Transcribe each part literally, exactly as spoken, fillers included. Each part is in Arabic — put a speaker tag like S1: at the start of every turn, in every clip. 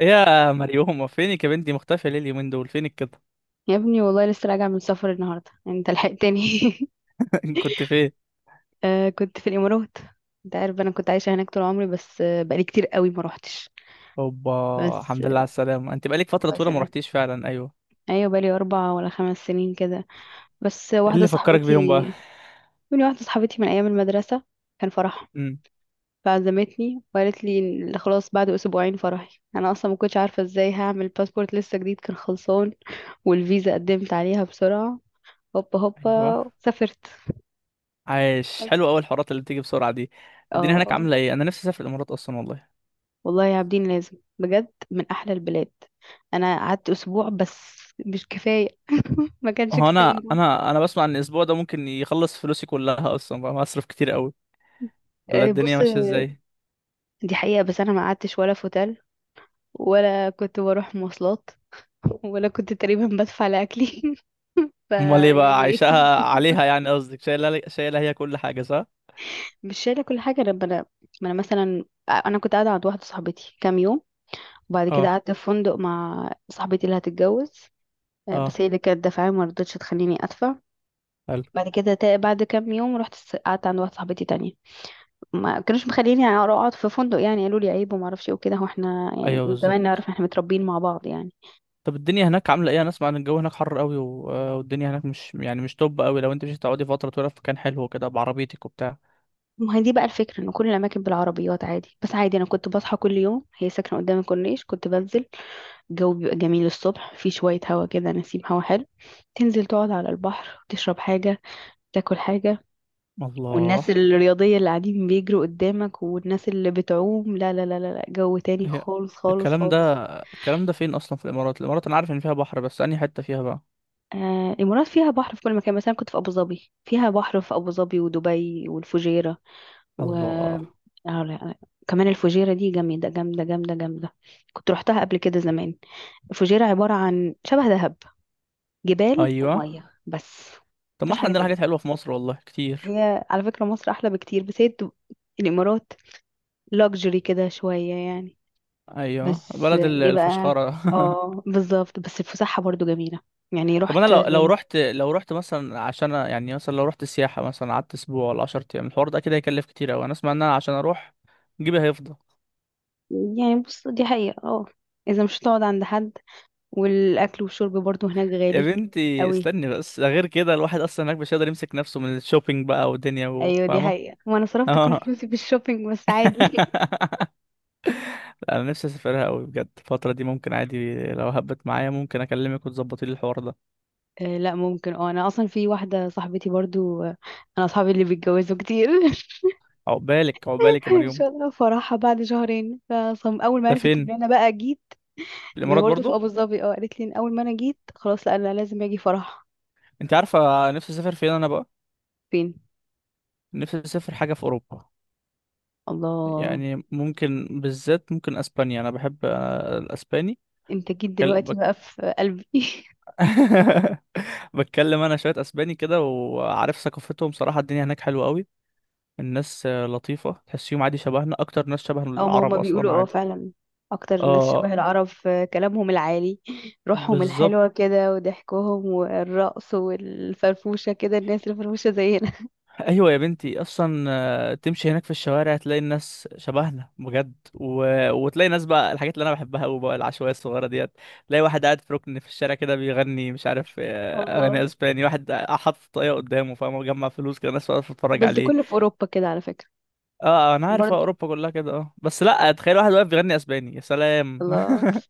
S1: إيه يا مريومة؟ فينك يا بنتي؟ مختفية ليه اليومين دول؟ فينك كده؟
S2: يا ابني والله لسه راجعة من السفر النهاردة، يعني انت لحقتني.
S1: كنت فين؟
S2: آه كنت في الإمارات. انت عارف انا كنت عايشة هناك طول عمري، بس آه، بقالي كتير قوي ما روحتش.
S1: اوبا.
S2: بس
S1: الحمد لله على
S2: آه،
S1: السلامة، انت بقالك فترة
S2: بقى
S1: طويلة ما
S2: سنة.
S1: رحتيش فعلا، ايوه.
S2: ايوه، بقالي اربع ولا خمس سنين كده. بس آه،
S1: ايه
S2: واحدة
S1: اللي فكرك بيهم بقى؟
S2: صاحبتي، من واحدة صاحبتي من ايام المدرسة، كان فرحها.
S1: امم.
S2: فعزمتني وقالت لي إن خلاص بعد اسبوعين فرحي. انا اصلا ما كنتش عارفة ازاي هعمل باسبورت، لسه جديد كان خلصان، والفيزا قدمت عليها بسرعة. هوبا
S1: ايوه،
S2: هوبا سافرت.
S1: عايش. حلو قوي الحوارات اللي بتيجي بسرعة دي.
S2: اه
S1: الدنيا هناك
S2: آه.
S1: عاملة ايه؟ انا نفسي اسافر الامارات اصلا والله.
S2: والله يا عابدين لازم بجد من احلى البلاد. انا قعدت اسبوع بس، مش كفايه. ما كانش
S1: هو انا
S2: كفايه.
S1: انا انا بسمع ان الاسبوع ده ممكن يخلص فلوسي كلها اصلا، بقى مصرف كتير قوي. ولا
S2: آه،
S1: الدنيا
S2: بص،
S1: ماشية ازاي؟
S2: دي حقيقه، بس انا ما قعدتش ولا في اوتيل، ولا كنت بروح مواصلات، ولا كنت تقريبا بدفع لاكلي.
S1: امال ايه بقى؟
S2: فيعني ايه.
S1: عايشاها عليها يعني، قصدك شايلة شايلة هي كل حاجة، صح؟
S2: مش شايله كل حاجه. لما انا، ما انا مثلا انا كنت قاعده عند واحده صاحبتي كام يوم، وبعد كده
S1: اه،
S2: قعدت في فندق مع صاحبتي اللي هتتجوز. آه،
S1: اه،
S2: بس هي اللي كانت دافعه، ما رضتش تخليني ادفع.
S1: حلو.
S2: بعد كده تا- بعد كام يوم رحت س- قعدت عند واحده صاحبتي تانية. ما كانوش مخليني يعني اقعد في فندق، يعني قالوا لي عيب وما اعرفش ايه وكده. هو احنا يعني
S1: ايوه
S2: من زمان
S1: بالظبط.
S2: نعرف، احنا متربيين مع بعض يعني.
S1: طب الدنيا هناك عاملة ايه؟ انا اسمع ان الجو هناك حر قوي و... آه، والدنيا هناك مش يعني مش طب قوي، لو انت مش هتقعدي فترة طويلة في مكان حلو كده بعربيتك وبتاع.
S2: ما هي دي بقى الفكره، ان كل الاماكن بالعربيات، عادي بس عادي. انا كنت بصحى كل يوم، هي ساكنه قدام الكورنيش، كنت بنزل. الجو بيبقى جميل الصبح، في شويه هوا كده، نسيم هوا حلو. تنزل تقعد على البحر، تشرب حاجه، تاكل حاجه. والناس
S1: الله.
S2: الرياضيه اللي قاعدين بيجروا قدامك، والناس اللي بتعوم، لا لا لا لا لا، جو تاني
S1: هي
S2: خالص خالص
S1: الكلام ده
S2: خالص.
S1: الكلام ده فين اصلا؟ في الامارات الامارات، انا عارف ان فيها بحر بس انهي حتة فيها بقى؟
S2: آه، الإمارات فيها بحر في كل مكان. مثلا كنت في أبو ظبي، فيها بحر في أبو ظبي ودبي والفجيرة و آه،
S1: الله.
S2: لا، كمان الفجيرة دي جامدة جامدة جامدة جامدة. كنت روحتها قبل كده زمان. الفجيرة عبارة عن شبه دهب، جبال
S1: ايوه،
S2: ومية بس،
S1: طب ما
S2: مفيش
S1: احنا
S2: حاجة
S1: عندنا حاجات
S2: تانية.
S1: حلوة في مصر والله كتير.
S2: هي على فكرة مصر أحلى بكتير، بس هي دب- الإمارات لاكجري كده شوية يعني.
S1: ايوه،
S2: بس
S1: بلد
S2: آه،
S1: ال-
S2: إيه بقى.
S1: الفشخرة.
S2: اه بالظبط، بس الفسحة برضو جميلة. يعني
S1: طب انا
S2: رحت.
S1: لو لو رحت لو رحت مثلا عشان أ- يعني مثلا لو رحت سياحة، مثلا قعدت اسبوع ولا عشر ايام، الحوار ده كده هيكلف كتير قوي. انا اسمع ان انا عشان اروح جيبي هيفضى.
S2: يعني بص، دي حقيقة اه. اذا مش هتقعد عند حد، والاكل والشرب برضو هناك
S1: يا
S2: غالي
S1: بنتي
S2: قوي.
S1: استني بس، ده غير كده الواحد اصلا هناك مش قادر يمسك نفسه من الشوبينج بقى والدنيا و-
S2: ايوه دي
S1: فاهمه؟
S2: حقيقة، وانا صرفت كل
S1: اه.
S2: فلوسي في الشوبينج، بس عادي.
S1: انا نفسي اسافرها قوي بجد الفتره دي، ممكن عادي لو هبت معايا ممكن اكلمك وتظبطي لي الحوار ده.
S2: آه لا، ممكن اه. انا اصلا في واحدة صاحبتي برضو، آه، انا اصحابي اللي بيتجوزوا كتير.
S1: عقبالك عقبالك يا
S2: ان
S1: مريم.
S2: شاء الله فرحها بعد شهرين، فصم اول ما
S1: ده
S2: عرفت ان
S1: فين؟
S2: انا بقى جيت.
S1: في
S2: ما هي
S1: الامارات
S2: برضه في
S1: برضو؟
S2: ابو ظبي. اه، قالت لي ان اول ما انا جيت خلاص، لا انا لازم اجي فرح.
S1: انت عارفه نفسي اسافر فين انا بقى؟
S2: فين؟
S1: نفسي اسافر حاجه في اوروبا.
S2: الله.
S1: يعني ممكن بالذات ممكن اسبانيا، انا بحب آه، الاسباني.
S2: انت جيت
S1: بتكل-
S2: دلوقتي
S1: بك-
S2: بقى في قلبي.
S1: بتكلم انا شويه اسباني كده، وعارف ثقافتهم صراحه الدنيا هناك حلوه قوي. الناس آه، لطيفة، تحسيهم عادي شبهنا، أكتر ناس شبه
S2: او ما هما
S1: العرب
S2: بيقولوا،
S1: أصلا
S2: اه
S1: عادي.
S2: فعلا. اكتر الناس
S1: اه
S2: شبه العرب في كلامهم العالي، روحهم
S1: بالظبط.
S2: الحلوة كده وضحكهم والرقص والفرفوشة كده. الناس الفرفوشة زينا.
S1: أيوة يا بنتي أصلا. آه، تمشي هناك في الشوارع تلاقي الناس شبهنا بجد و... وتلاقي ناس بقى، الحاجات اللي أنا بحبها أوي بقى العشوائية الصغيرة ديت. تلاقي واحد قاعد في ركن في الشارع كده بيغني مش عارف آه،
S2: اه،
S1: أغاني أسباني، واحد حاطط طاقية قدامه، فاهم، مجمع فلوس كده، ناس واقفة تتفرج
S2: بس ده
S1: عليه.
S2: كله في اوروبا كده على فكرة.
S1: اه. آه، أنا عارف آه،
S2: برضه
S1: أوروبا كلها كده، اه. بس لأ، تخيل واحد واقف بيغني أسباني، يا سلام!
S2: الله.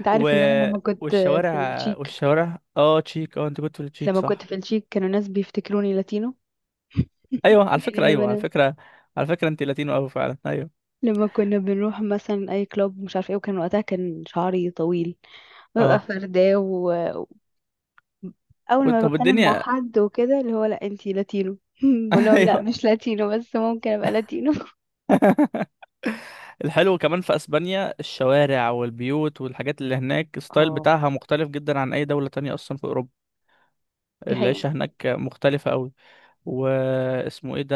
S2: انت
S1: و...
S2: عارف ان انا لما كنت في
S1: والشوارع
S2: التشيك،
S1: والشوارع اه. تشيك، اه انت كنت في التشيك
S2: لما كنت
S1: صح؟
S2: في التشيك كانوا ناس بيفتكروني لاتينو.
S1: ايوه على
S2: يعني
S1: فكره،
S2: لما
S1: ايوه على
S2: أنا-
S1: فكره. على فكره انت لاتينو قوي فعلا ايوه.
S2: لما كنا بنروح مثلا اي كلوب مش عارف ايه، وكان وقتها كان شعري طويل، ببقى
S1: اه.
S2: فرداه. اول
S1: و-
S2: ما
S1: طب
S2: بتكلم مع
S1: الدنيا.
S2: حد وكده، اللي هو لا انتي لاتينو. بقول لهم لا،
S1: ايوه،
S2: مش لاتينو، بس ممكن ابقى لاتينو.
S1: الحلو كمان في اسبانيا الشوارع والبيوت والحاجات اللي هناك الستايل
S2: اه
S1: بتاعها مختلف جدا عن اي دوله تانية اصلا في اوروبا.
S2: دي حقيقة.
S1: العيشه هناك مختلفه قوي. واسمه ايه ده،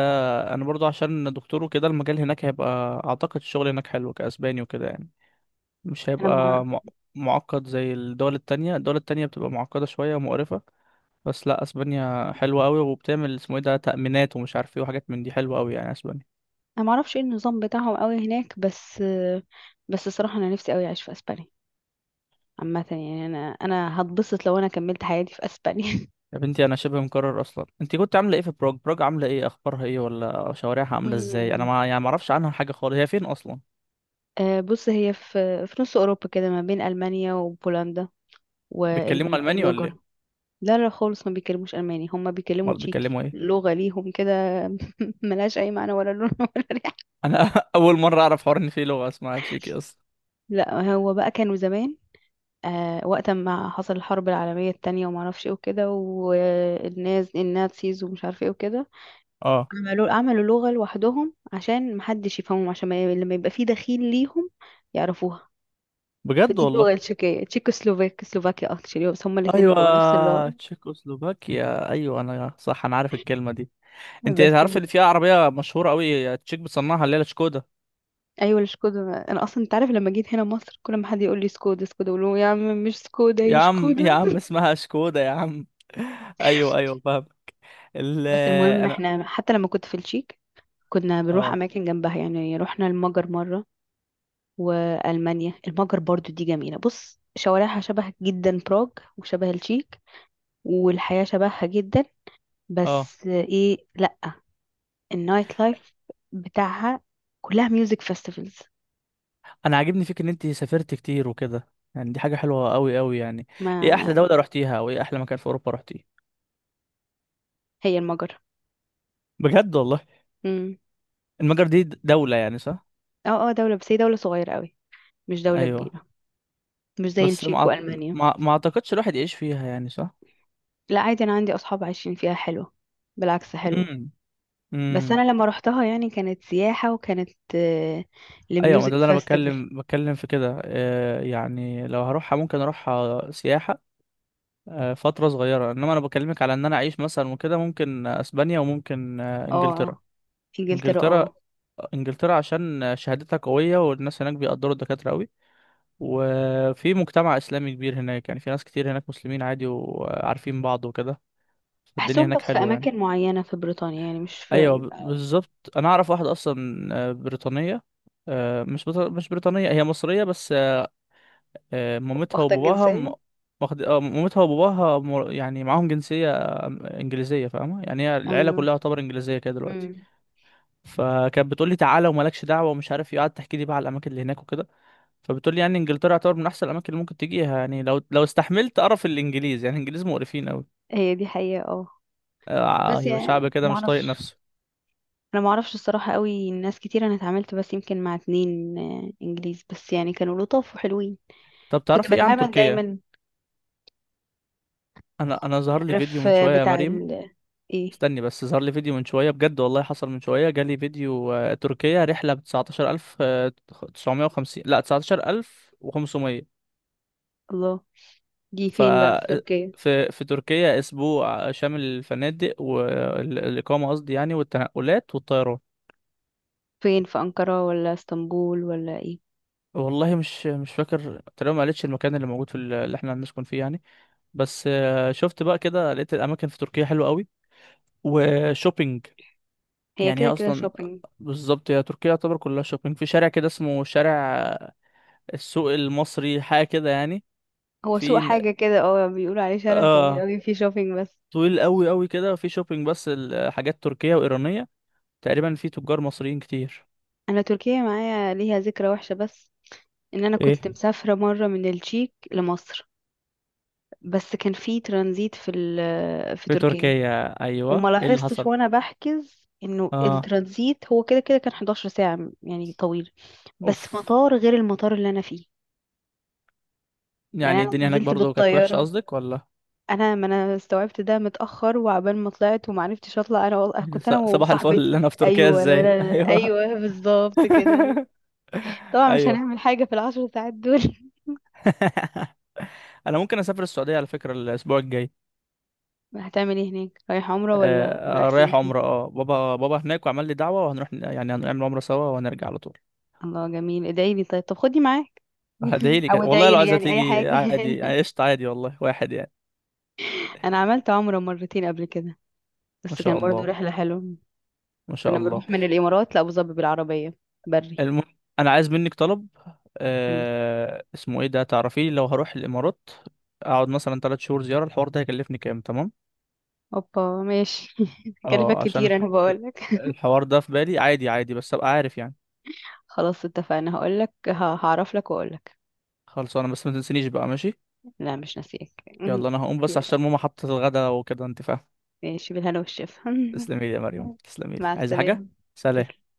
S1: انا برضو عشان دكتور وكده المجال هناك هيبقى. اعتقد الشغل هناك حلو كاسباني وكده يعني. مش
S2: انا ما
S1: هيبقى مع- معقد زي الدول التانية. الدول التانية بتبقى معقدة شوية ومقرفة. بس لا، اسبانيا حلوة قوي، وبتعمل اسمه ايه ده، تأمينات، ومش عارف ايه وحاجات من دي، حلوة قوي يعني اسبانيا.
S2: انا ما اعرفش ايه النظام بتاعهم قوي هناك، بس بس الصراحة انا نفسي قوي اعيش في اسبانيا. عامة يعني انا انا هتبسط لو انا كملت حياتي في اسبانيا.
S1: يا بنتي انا شبه مكرر اصلا. انت كنت عامله ايه في بروج بروج؟ عامله ايه؟ اخبارها ايه؟ ولا شوارعها عامله ازاي؟ انا
S2: مم.
S1: ما يعني ما اعرفش عنها حاجه خالص. هي فين اصلا؟
S2: آه، بص، هي في في نص اوروبا كده ما بين المانيا وبولندا
S1: بيتكلموا الماني ولا
S2: والمجر.
S1: ايه؟
S2: لا لا خالص، ما بيكلموش الماني، هم بيكلموا
S1: امال
S2: تشيكي،
S1: بيتكلموا ايه؟
S2: لغة ليهم كده. ملهاش اي معنى ولا لون. ولا.
S1: انا اول مره اعرف حوار ان في لغه اسمها تشيكي اصلا.
S2: لا هو بقى كانوا زمان، آه وقت ما حصل الحرب العالمية التانية وما اعرفش ايه وكده، والناس النازيز ومش عارف ايه وكده،
S1: اه،
S2: عملوا عملوا لغة لوحدهم عشان محدش يفهمهم، عشان ما ي- لما يبقى في دخيل ليهم يعرفوها.
S1: بجد
S2: فدي اللغة
S1: والله.
S2: التشيكية، تشيكوسلوفاك سلوفاكيا اكشلي، بس هما الاتنين بقوا نفس
S1: ايوه،
S2: اللغة.
S1: تشيكوسلوفاكيا، ايوه انا صح، انا عارف الكلمه دي. انت
S2: بس
S1: عارف
S2: ال-
S1: اللي فيها عربيه مشهوره قوي تشيك بتصنعها، اللي هي شكودا.
S2: ايوه الشكودا. انا اصلا انت عارف لما جيت هنا مصر، كل ما حد يقول لي سكودا سكودا، اقول له يا عم مش سكودا،
S1: يا
S2: هي
S1: عم يا
S2: شكودا.
S1: عم اسمها شكودا يا عم. ايوه، ايوه، فاهم. ال
S2: بس المهم
S1: انا
S2: احنا حتى لما كنت في التشيك، كنا بنروح
S1: اه
S2: اماكن جنبها، يعني رحنا المجر مره والمانيا. المجر برضو دي جميله، بص شوارعها شبه جدا براغ وشبه التشيك، والحياه شبهها جدا.
S1: اه
S2: بس ايه، لا، النايت لايف بتاعها كلها ميوزك فيستيفالز.
S1: انا عاجبني فيك ان انت سافرت كتير وكده. يعني دي حاجه حلوه قوي قوي يعني. ايه احلى
S2: ما
S1: دوله رحتيها؟ او ايه احلى مكان في اوروبا رحتيه؟
S2: هي المجر.
S1: بجد والله؟
S2: امم.
S1: المجر دي د- دوله يعني، صح؟
S2: اه اه دوله، بس هي دوله صغيره قوي، مش دوله
S1: ايوه.
S2: كبيره، مش زي
S1: بس
S2: التشيك
S1: ما أعت-
S2: والمانيا.
S1: ما ما اعتقدش الواحد يعيش فيها يعني، صح؟
S2: لا عادي، انا عندي اصحاب عايشين فيها حلوه، بالعكس حلوه.
S1: امم،
S2: بس
S1: امم.
S2: انا لما روحتها يعني كانت سياحة، وكانت آه،
S1: ايوه، ما
S2: لميوزك
S1: ده اللي انا
S2: فيستيفال.
S1: بتكلم بتكلم في كده، آه، يعني لو هروحها ممكن اروحها سياحه. آه، فتره صغيره. انما انا بكلمك على ان انا اعيش مثلا وكده، ممكن اسبانيا وممكن آه،
S2: اه،
S1: انجلترا.
S2: آه، انجلترا
S1: انجلترا
S2: اه.
S1: انجلترا عشان شهادتها قويه والناس هناك بيقدروا الدكاتره قوي. وفي مجتمع اسلامي كبير هناك، يعني في ناس كتير هناك مسلمين عادي وعارفين بعض وكده. فالدنيا
S2: بحسهم
S1: هناك
S2: بس في
S1: حلوه يعني.
S2: اماكن معينة في بريطانيا، يعني مش
S1: ايوه،
S2: في.
S1: ب- بالظبط. انا اعرف واحده اصلا آه، بريطانيه. آه، مش بط- مش بريطانيه، هي مصريه بس. آه، مامتها
S2: واخدة
S1: وباباها م-
S2: الجنسية.
S1: واخد آه، مامتها وباباها مر- يعني معاهم جنسية آه، إنجليزية، فاهمة؟ يعني هي العيلة
S2: ايوه.
S1: كلها تعتبر إنجليزية كده دلوقتي.
S2: امم.
S1: فكانت بتقول لي تعالى ومالكش دعوة ومش عارف إيه، قعدت تحكي لي بقى على الأماكن اللي هناك وكده. فبتقول لي يعني إنجلترا يعتبر من أحسن الأماكن اللي ممكن تجيها، يعني لو لو استحملت قرف الإنجليز، يعني الإنجليز مقرفين أوي.
S2: هي دي حقيقة اه.
S1: آه،
S2: بس
S1: أيوة، شعب
S2: يعني
S1: كده
S2: ما
S1: مش طايق
S2: اعرفش.
S1: نفسه.
S2: انا ما اعرفش الصراحة قوي. ناس كتير انا اتعاملت، بس يمكن مع اتنين آه، انجليز، بس يعني كانوا لطاف وحلوين.
S1: طب
S2: كنت
S1: تعرفي إيه عن
S2: بتعامل
S1: تركيا؟
S2: دايما.
S1: أنا أنا ظهر لي فيديو
S2: تعرف
S1: من
S2: آه،
S1: شوية يا
S2: بتاع
S1: مريم.
S2: ال ايه.
S1: استني بس، ظهر لي فيديو من شوية بجد والله حصل من شوية جالي فيديو آه، تركيا رحلة ب 19950 وخمسين، لا تسعتاشر ألف وخمسمية.
S2: الله. دي
S1: ف
S2: فين بقى في تركيا؟
S1: في في تركيا أسبوع شامل الفنادق والإقامة، قصدي يعني، والتنقلات والطيران.
S2: فين؟ في أنقرة ولا اسطنبول ولا ايه؟
S1: والله مش مش فاكر تقريبا، ما قالتش المكان اللي موجود في ال- اللي احنا هنسكن فيه يعني. بس آه، شفت بقى كده، لقيت الأماكن في تركيا حلوة قوي. وشوبينج
S2: هي
S1: يعني، هي
S2: كده كده
S1: أصلا
S2: شوبينج.
S1: بالظبط، هي تركيا يعتبر كلها شوبينج. في شارع كده اسمه شارع السوق المصري، حاجه كده يعني.
S2: هو سوق
S1: في،
S2: حاجة كده اه، بيقولوا عليه شارع طويل
S1: اه
S2: قوي فيه شوبينج بس.
S1: طويل قوي قوي كده، في شوبينج بس، الحاجات تركيه وايرانيه. تقريبا في تجار مصريين كتير.
S2: انا تركيا معايا ليها ذكرى وحشة بس، ان انا
S1: ايه؟
S2: كنت مسافرة مرة من التشيك لمصر، بس كان في ترانزيت في ال- في
S1: في
S2: تركيا.
S1: تركيا؟ ايوه.
S2: وما
S1: ايه اللي
S2: لاحظتش
S1: حصل؟
S2: وانا بحجز انه
S1: اه.
S2: الترانزيت هو كده كده كان 11 ساعة يعني طويل، بس
S1: اوف.
S2: مطار غير المطار اللي انا فيه. يعني
S1: يعني
S2: انا
S1: الدنيا هناك
S2: نزلت
S1: برضو كانت وحشه
S2: بالطيارة.
S1: قصدك، ولا؟
S2: انا ما انا استوعبت ده متاخر، وعبال ما طلعت وما عرفتش اطلع. انا والله كنت
S1: س-
S2: انا
S1: صباح الفل. اللي
S2: وصاحبتي،
S1: انا في تركيا
S2: ايوه لا
S1: ازاي!
S2: لا لا،
S1: ايوه.
S2: ايوه بالظبط كده. طبعا مش
S1: ايوه.
S2: هنعمل حاجه في العشر ساعات دول.
S1: انا ممكن اسافر السعوديه على فكره الاسبوع الجاي.
S2: هتعمل ايه هناك؟ رايح عمره ولا رايح
S1: آه، رايح
S2: سياحه؟
S1: عمره، اه. بابا بابا هناك وعمل لي دعوه، وهنروح ن- يعني هنعمل عمره سوا وهنرجع على طول.
S2: الله جميل. ادعي لي طيب، طب خدني معاك.
S1: هديلي
S2: او
S1: كده والله،
S2: ادعي
S1: لو
S2: لي
S1: عايزة
S2: يعني اي
S1: تيجي
S2: حاجه.
S1: عادي عشت عادي والله، واحد يعني.
S2: انا عملت عمره مرتين قبل كده،
S1: ما
S2: بس
S1: شاء
S2: كان برضه
S1: الله،
S2: رحله حلوه.
S1: ما شاء
S2: كنا
S1: الله.
S2: بنروح من الامارات لابو ظبي بالعربيه، بري.
S1: المهم أنا عايز منك طلب.
S2: قولي.
S1: آه... اسمه إيه ده تعرفيه؟ لو هروح الإمارات أقعد مثلا تلات شهور زيارة، الحوار ده هيكلفني كام تمام؟
S2: اوبا ماشي. هكلفك
S1: اه، عشان
S2: كتير
S1: الح...
S2: انا بقولك.
S1: الحوار ده في بالي عادي، عادي بس أبقى عارف يعني.
S2: خلاص اتفقنا، هقولك، ه- هعرف لك واقولك.
S1: خلصانة، بس ما تنسينيش بقى، ماشي؟
S2: لا مش ناسيك.
S1: يلا أنا هقوم بس عشان ماما حطت الغدا وكده، أنت فاهم.
S2: ماشي، بالهنا والشفا.
S1: تسلمي لي يا مريم، تسلمي لي،
S2: مع
S1: عايزة حاجة؟
S2: السلامة. تسلم.
S1: سلام.